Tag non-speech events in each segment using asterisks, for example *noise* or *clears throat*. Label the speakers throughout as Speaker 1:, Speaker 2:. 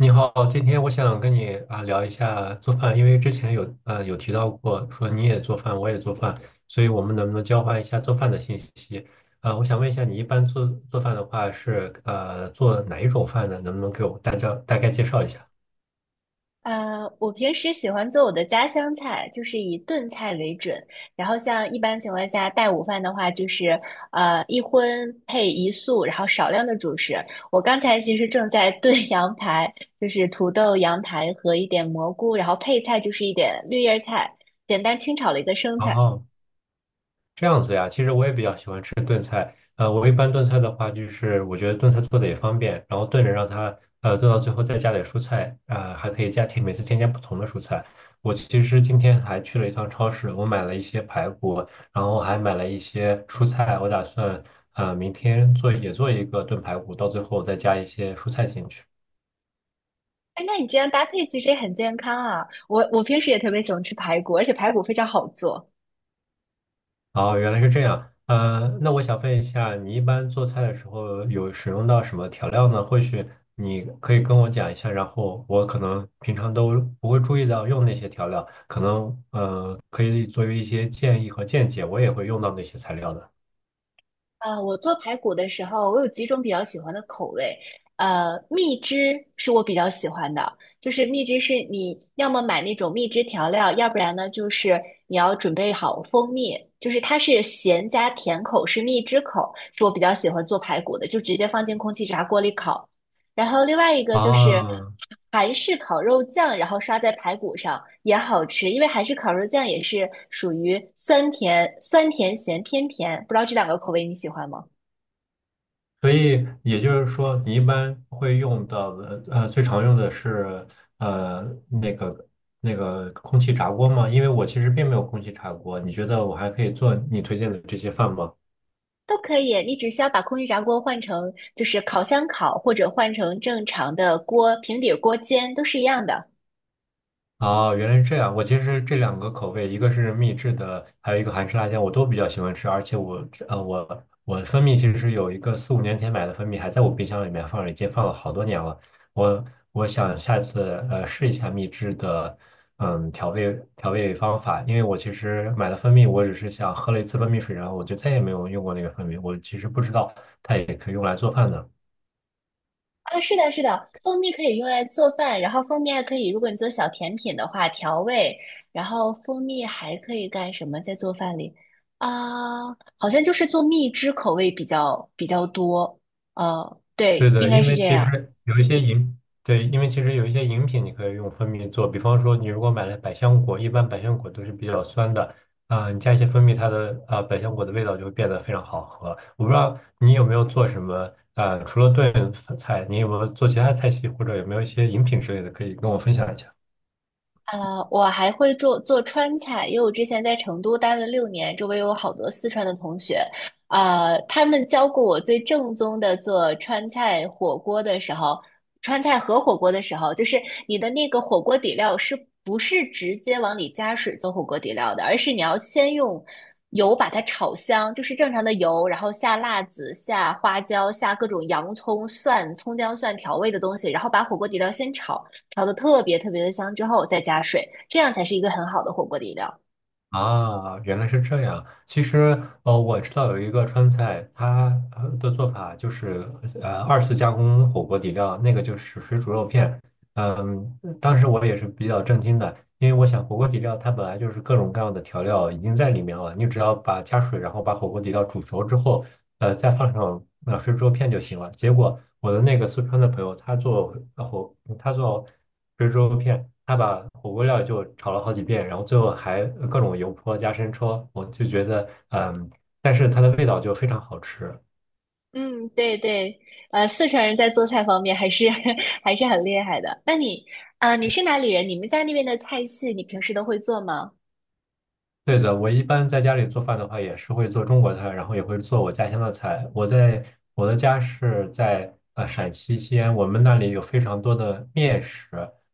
Speaker 1: 你好，今天我想跟你啊聊一下做饭，因为之前有提到过说你也做饭，我也做饭，所以我们能不能交换一下做饭的信息？我想问一下，你一般做饭的话是做哪一种饭呢？能不能给我大家大概介绍一下？
Speaker 2: 我平时喜欢做我的家乡菜，就是以炖菜为准。然后像一般情况下带午饭的话，就是一荤配一素，然后少量的主食。我刚才其实正在炖 *laughs* 羊排，就是土豆、羊排和一点蘑菇，然后配菜就是一点绿叶菜，简单清炒了一个生菜。
Speaker 1: 哦这样子呀，其实我也比较喜欢吃炖菜。我一般炖菜的话，就是我觉得炖菜做的也方便，然后炖着让它炖到最后再加点蔬菜，啊、还可以加添每次添加不同的蔬菜。我其实今天还去了一趟超市，我买了一些排骨，然后还买了一些蔬菜，我打算明天做也做一个炖排骨，到最后再加一些蔬菜进去。
Speaker 2: 哎，那你这样搭配其实也很健康啊。我平时也特别喜欢吃排骨，而且排骨非常好做。
Speaker 1: 哦，原来是这样。那我想问一下，你一般做菜的时候有使用到什么调料呢？或许你可以跟我讲一下，然后我可能平常都不会注意到用那些调料，可能可以作为一些建议和见解，我也会用到那些材料的。
Speaker 2: 我做排骨的时候，我有几种比较喜欢的口味。蜜汁是我比较喜欢的，就是蜜汁是你要么买那种蜜汁调料，要不然呢就是你要准备好蜂蜜，就是它是咸加甜口，是蜜汁口，是我比较喜欢做排骨的，就直接放进空气炸锅里烤。然后另外一个就是
Speaker 1: 啊，
Speaker 2: 韩式烤肉酱，然后刷在排骨上也好吃，因为韩式烤肉酱也是属于酸甜酸甜咸偏甜，不知道这两个口味你喜欢吗？
Speaker 1: 所以也就是说，你一般会用到的最常用的是呃那个那个空气炸锅吗？因为我其实并没有空气炸锅，你觉得我还可以做你推荐的这些饭吗？
Speaker 2: 都可以，你只需要把空气炸锅换成就是烤箱烤，或者换成正常的锅平底锅煎，都是一样的。
Speaker 1: 哦，原来是这样。我其实这两个口味，一个是秘制的，还有一个韩式辣酱，我都比较喜欢吃。而且我蜂蜜其实是有一个四五年前买的蜂蜜，还在我冰箱里面放着，已经放了好多年了。我我想下次试一下秘制的嗯调味方法，因为我其实买了蜂蜜，我只是想喝了一次蜂蜜水，然后我就再也没有用过那个蜂蜜，我其实不知道它也可以用来做饭的。
Speaker 2: 啊，是的，是的，蜂蜜可以用来做饭，然后蜂蜜还可以，如果你做小甜品的话，调味，然后蜂蜜还可以干什么？在做饭里啊，好像就是做蜜汁口味比较多，
Speaker 1: 对
Speaker 2: 对，应
Speaker 1: 的，
Speaker 2: 该
Speaker 1: 因
Speaker 2: 是
Speaker 1: 为
Speaker 2: 这
Speaker 1: 其
Speaker 2: 样。
Speaker 1: 实有一些饮，对，因为其实有一些饮品你可以用蜂蜜做，比方说你如果买了百香果，一般百香果都是比较酸的，啊、你加一些蜂蜜，它的啊、呃百香果的味道就会变得非常好喝。我不知道你有没有做什么，啊，除了炖菜，你有没有做其他菜系，或者有没有一些饮品之类的，可以跟我分享一下？
Speaker 2: 啊，我还会做做川菜，因为我之前在成都待了6年，周围有好多四川的同学，他们教过我最正宗的做川菜火锅的时候，川菜和火锅的时候，就是你的那个火锅底料是不是直接往里加水做火锅底料的，而是你要先用油把它炒香，就是正常的油，然后下辣子、下花椒、下各种洋葱、蒜、葱姜蒜调味的东西，然后把火锅底料先炒。调的特别特别的香之后再加水，这样才是一个很好的火锅底料。
Speaker 1: 啊，原来是这样。其实，我知道有一个川菜，它的做法就是，二次加工火锅底料，那个就是水煮肉片。嗯，当时我也是比较震惊的，因为我想火锅底料它本来就是各种各样的调料已经在里面了，你只要把加水，然后把火锅底料煮熟之后，再放上水煮肉片就行了。结果我的那个四川的朋友，他做呃火，他做水煮肉片，他把火锅料就炒了好几遍，然后最后还各种油泼加生抽，我就觉得嗯，但是它的味道就非常好吃。
Speaker 2: 嗯，对对，四川人在做菜方面还是 *laughs* 还是很厉害的。那你啊，你是哪里人？你们家那边的菜系，你平时都会做吗？
Speaker 1: 对的，我一般在家里做饭的话，也是会做中国菜，然后也会做我家乡的菜。我的家是在陕西西安，我们那里有非常多的面食，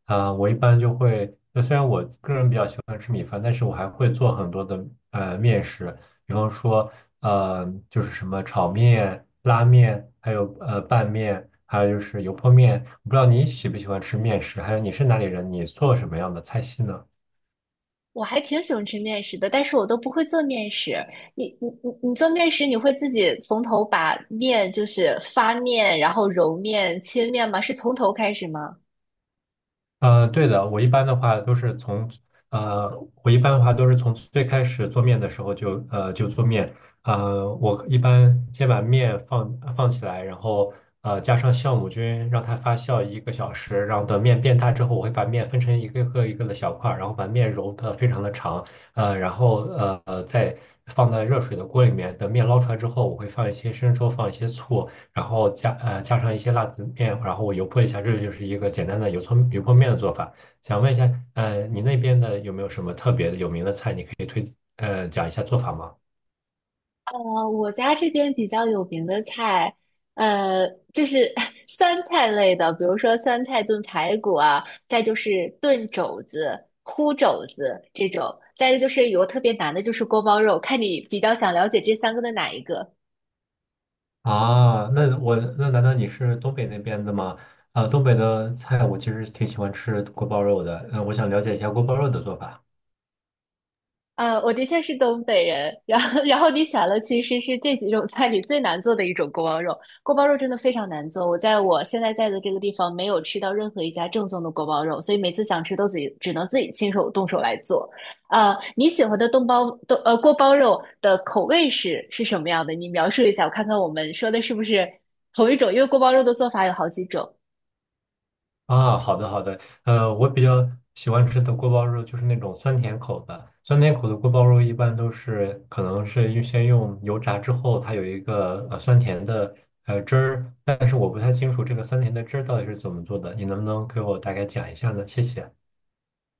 Speaker 1: 啊、我一般就会，呃虽然我个人比较喜欢吃米饭，但是我还会做很多的面食，比方说呃就是什么炒面、拉面，还有拌面，还有就是油泼面。我不知道你喜不喜欢吃面食，还有你是哪里人，你做什么样的菜系呢？
Speaker 2: 我还挺喜欢吃面食的，但是我都不会做面食。你做面食，你会自己从头把面就是发面，然后揉面、切面吗？是从头开始吗？
Speaker 1: 对的，呃，我一般的话都是从最开始做面的时候就，就做面，我一般先把面放起来，然后加上酵母菌，让它发酵1个小时，然后等面变大之后，我会把面分成一个一个的小块儿，然后把面揉的非常的长，然后再放在热水的锅里面，等面捞出来之后，我会放一些生抽，放一些醋，然后加上一些辣子面，然后我油泼一下，这就是一个简单的油葱油泼面的做法。想问一下，你那边的有没有什么特别的有名的菜，你可以讲一下做法吗？
Speaker 2: 我家这边比较有名的菜，呃，就是 *laughs* 酸菜类的，比如说酸菜炖排骨啊，再就是炖肘子、烀肘子这种，再一个就是有个特别难的，就是锅包肉，看你比较想了解这三个的哪一个。
Speaker 1: 啊，那我那难道你是东北那边的吗？呃，东北的菜我其实挺喜欢吃锅包肉的，嗯、我想了解一下锅包肉的做法。
Speaker 2: 我的确是东北人，然后你选了，其实是这几种菜里最难做的一种锅包肉。锅包肉真的非常难做，我现在在的这个地方没有吃到任何一家正宗的锅包肉，所以每次想吃都自己只能自己亲手动手来做。你喜欢的东包东呃锅包肉的口味是什么样的？你描述一下，我看看我们说的是不是同一种，因为锅包肉的做法有好几种。
Speaker 1: 啊，好的好的，我比较喜欢吃的锅包肉就是那种酸甜口的，酸甜口的锅包肉一般都是可能是预先用油炸之后，它有一个酸甜的汁儿，但是我不太清楚这个酸甜的汁儿到底是怎么做的，你能不能给我大概讲一下呢？谢谢。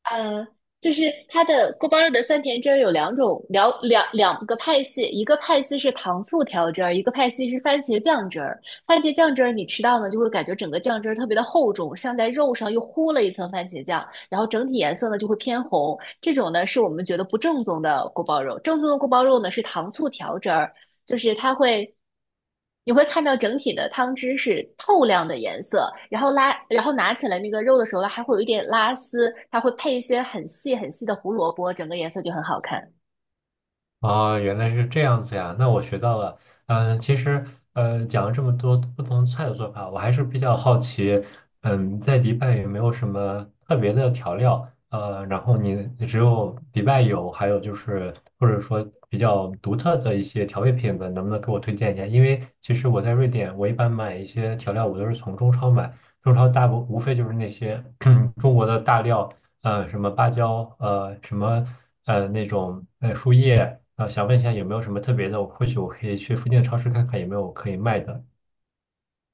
Speaker 2: 呃，就是它的锅包肉的酸甜汁儿有两种，两个派系，一个派系是糖醋调汁儿，一个派系是番茄酱汁儿。番茄酱汁儿你吃到呢，就会感觉整个酱汁儿特别的厚重，像在肉上又糊了一层番茄酱，然后整体颜色呢就会偏红。这种呢是我们觉得不正宗的锅包肉，正宗的锅包肉呢是糖醋调汁儿，就是它会，你会看到整体的汤汁是透亮的颜色，然后拉，然后拿起来那个肉的时候呢，它还会有一点拉丝，它会配一些很细很细的胡萝卜，整个颜色就很好看。
Speaker 1: 哦，原来是这样子呀，那我学到了。嗯，其实讲了这么多不同菜的做法，我还是比较好奇，嗯，在迪拜有没有什么特别的调料？然后你只有迪拜有，还有就是或者说比较独特的一些调味品的，能不能给我推荐一下？因为其实我在瑞典，我一般买一些调料，我都是从中超买，中超大部无非就是那些 *clears throat* 中国的大料。什么芭蕉，呃什么呃那种树叶，想问一下有没有什么特别的，或许我可以去附近的超市看看有没有可以卖的。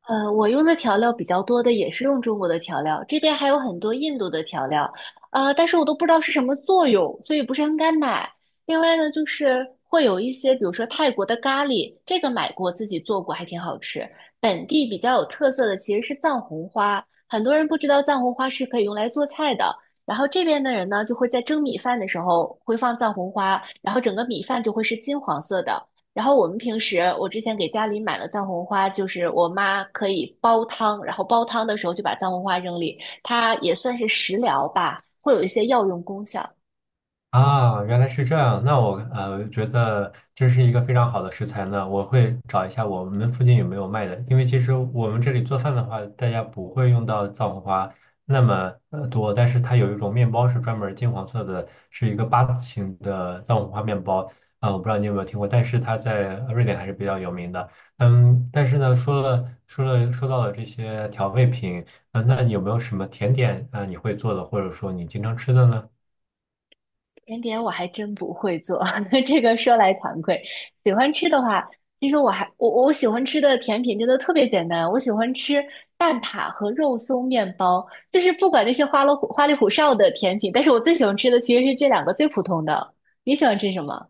Speaker 2: 我用的调料比较多的也是用中国的调料，这边还有很多印度的调料，但是我都不知道是什么作用，所以不是很敢买。另外呢，就是会有一些，比如说泰国的咖喱，这个买过自己做过，还挺好吃。本地比较有特色的其实是藏红花，很多人不知道藏红花是可以用来做菜的。然后这边的人呢，就会在蒸米饭的时候会放藏红花，然后整个米饭就会是金黄色的。然后我们平时，我之前给家里买了藏红花，就是我妈可以煲汤，然后煲汤的时候就把藏红花扔里，它也算是食疗吧，会有一些药用功效。
Speaker 1: 啊，原来是这样。那我觉得这是一个非常好的食材呢，我会找一下我们附近有没有卖的。因为其实我们这里做饭的话，大家不会用到藏红花那么多，但是它有一种面包是专门金黄色的，是一个八字形的藏红花面包。啊、我不知道你有没有听过，但是它在瑞典还是比较有名的。嗯，但是呢，说到了这些调味品，啊、那有没有什么甜点啊、你会做的，或者说你经常吃的呢？
Speaker 2: 甜点我还真不会做，*laughs* 这个说来惭愧。喜欢吃的话，其实我还我我喜欢吃的甜品真的特别简单，我喜欢吃蛋挞和肉松面包，就是不管那些花里胡哨的甜品，但是我最喜欢吃的其实是这两个最普通的。你喜欢吃什么？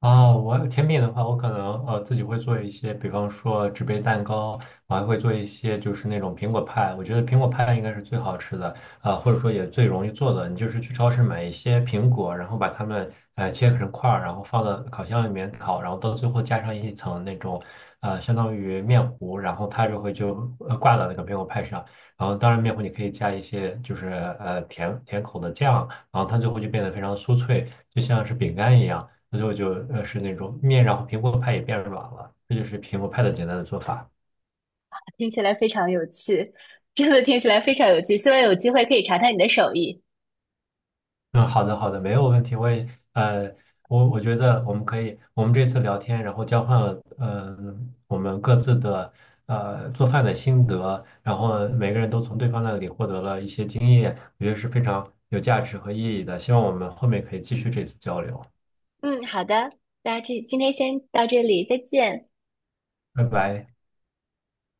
Speaker 1: 啊，我甜品的话，我可能自己会做一些，比方说纸杯蛋糕，我还会做一些就是那种苹果派。我觉得苹果派应该是最好吃的，啊、或者说也最容易做的。你就是去超市买一些苹果，然后把它们切成块儿，然后放到烤箱里面烤，然后到最后加上一层那种相当于面糊，然后它就会挂到那个苹果派上。然后当然面糊你可以加一些就是甜甜口的酱，然后它最后就变得非常酥脆，就像是饼干一样。所以我就是那种面，然后苹果派也变软了，这就是苹果派的简单的做法。
Speaker 2: 听起来非常有趣，真的听起来非常有趣。希望有机会可以尝尝你的手艺。
Speaker 1: 嗯，好的好的，没有问题。我也呃，我觉得我们可以，我们这次聊天，然后交换了我们各自的做饭的心得，然后每个人都从对方那里获得了一些经验，我觉得是非常有价值和意义的。希望我们后面可以继续这次交流。
Speaker 2: 嗯，好的，那这今天先到这里，再见。
Speaker 1: 拜拜。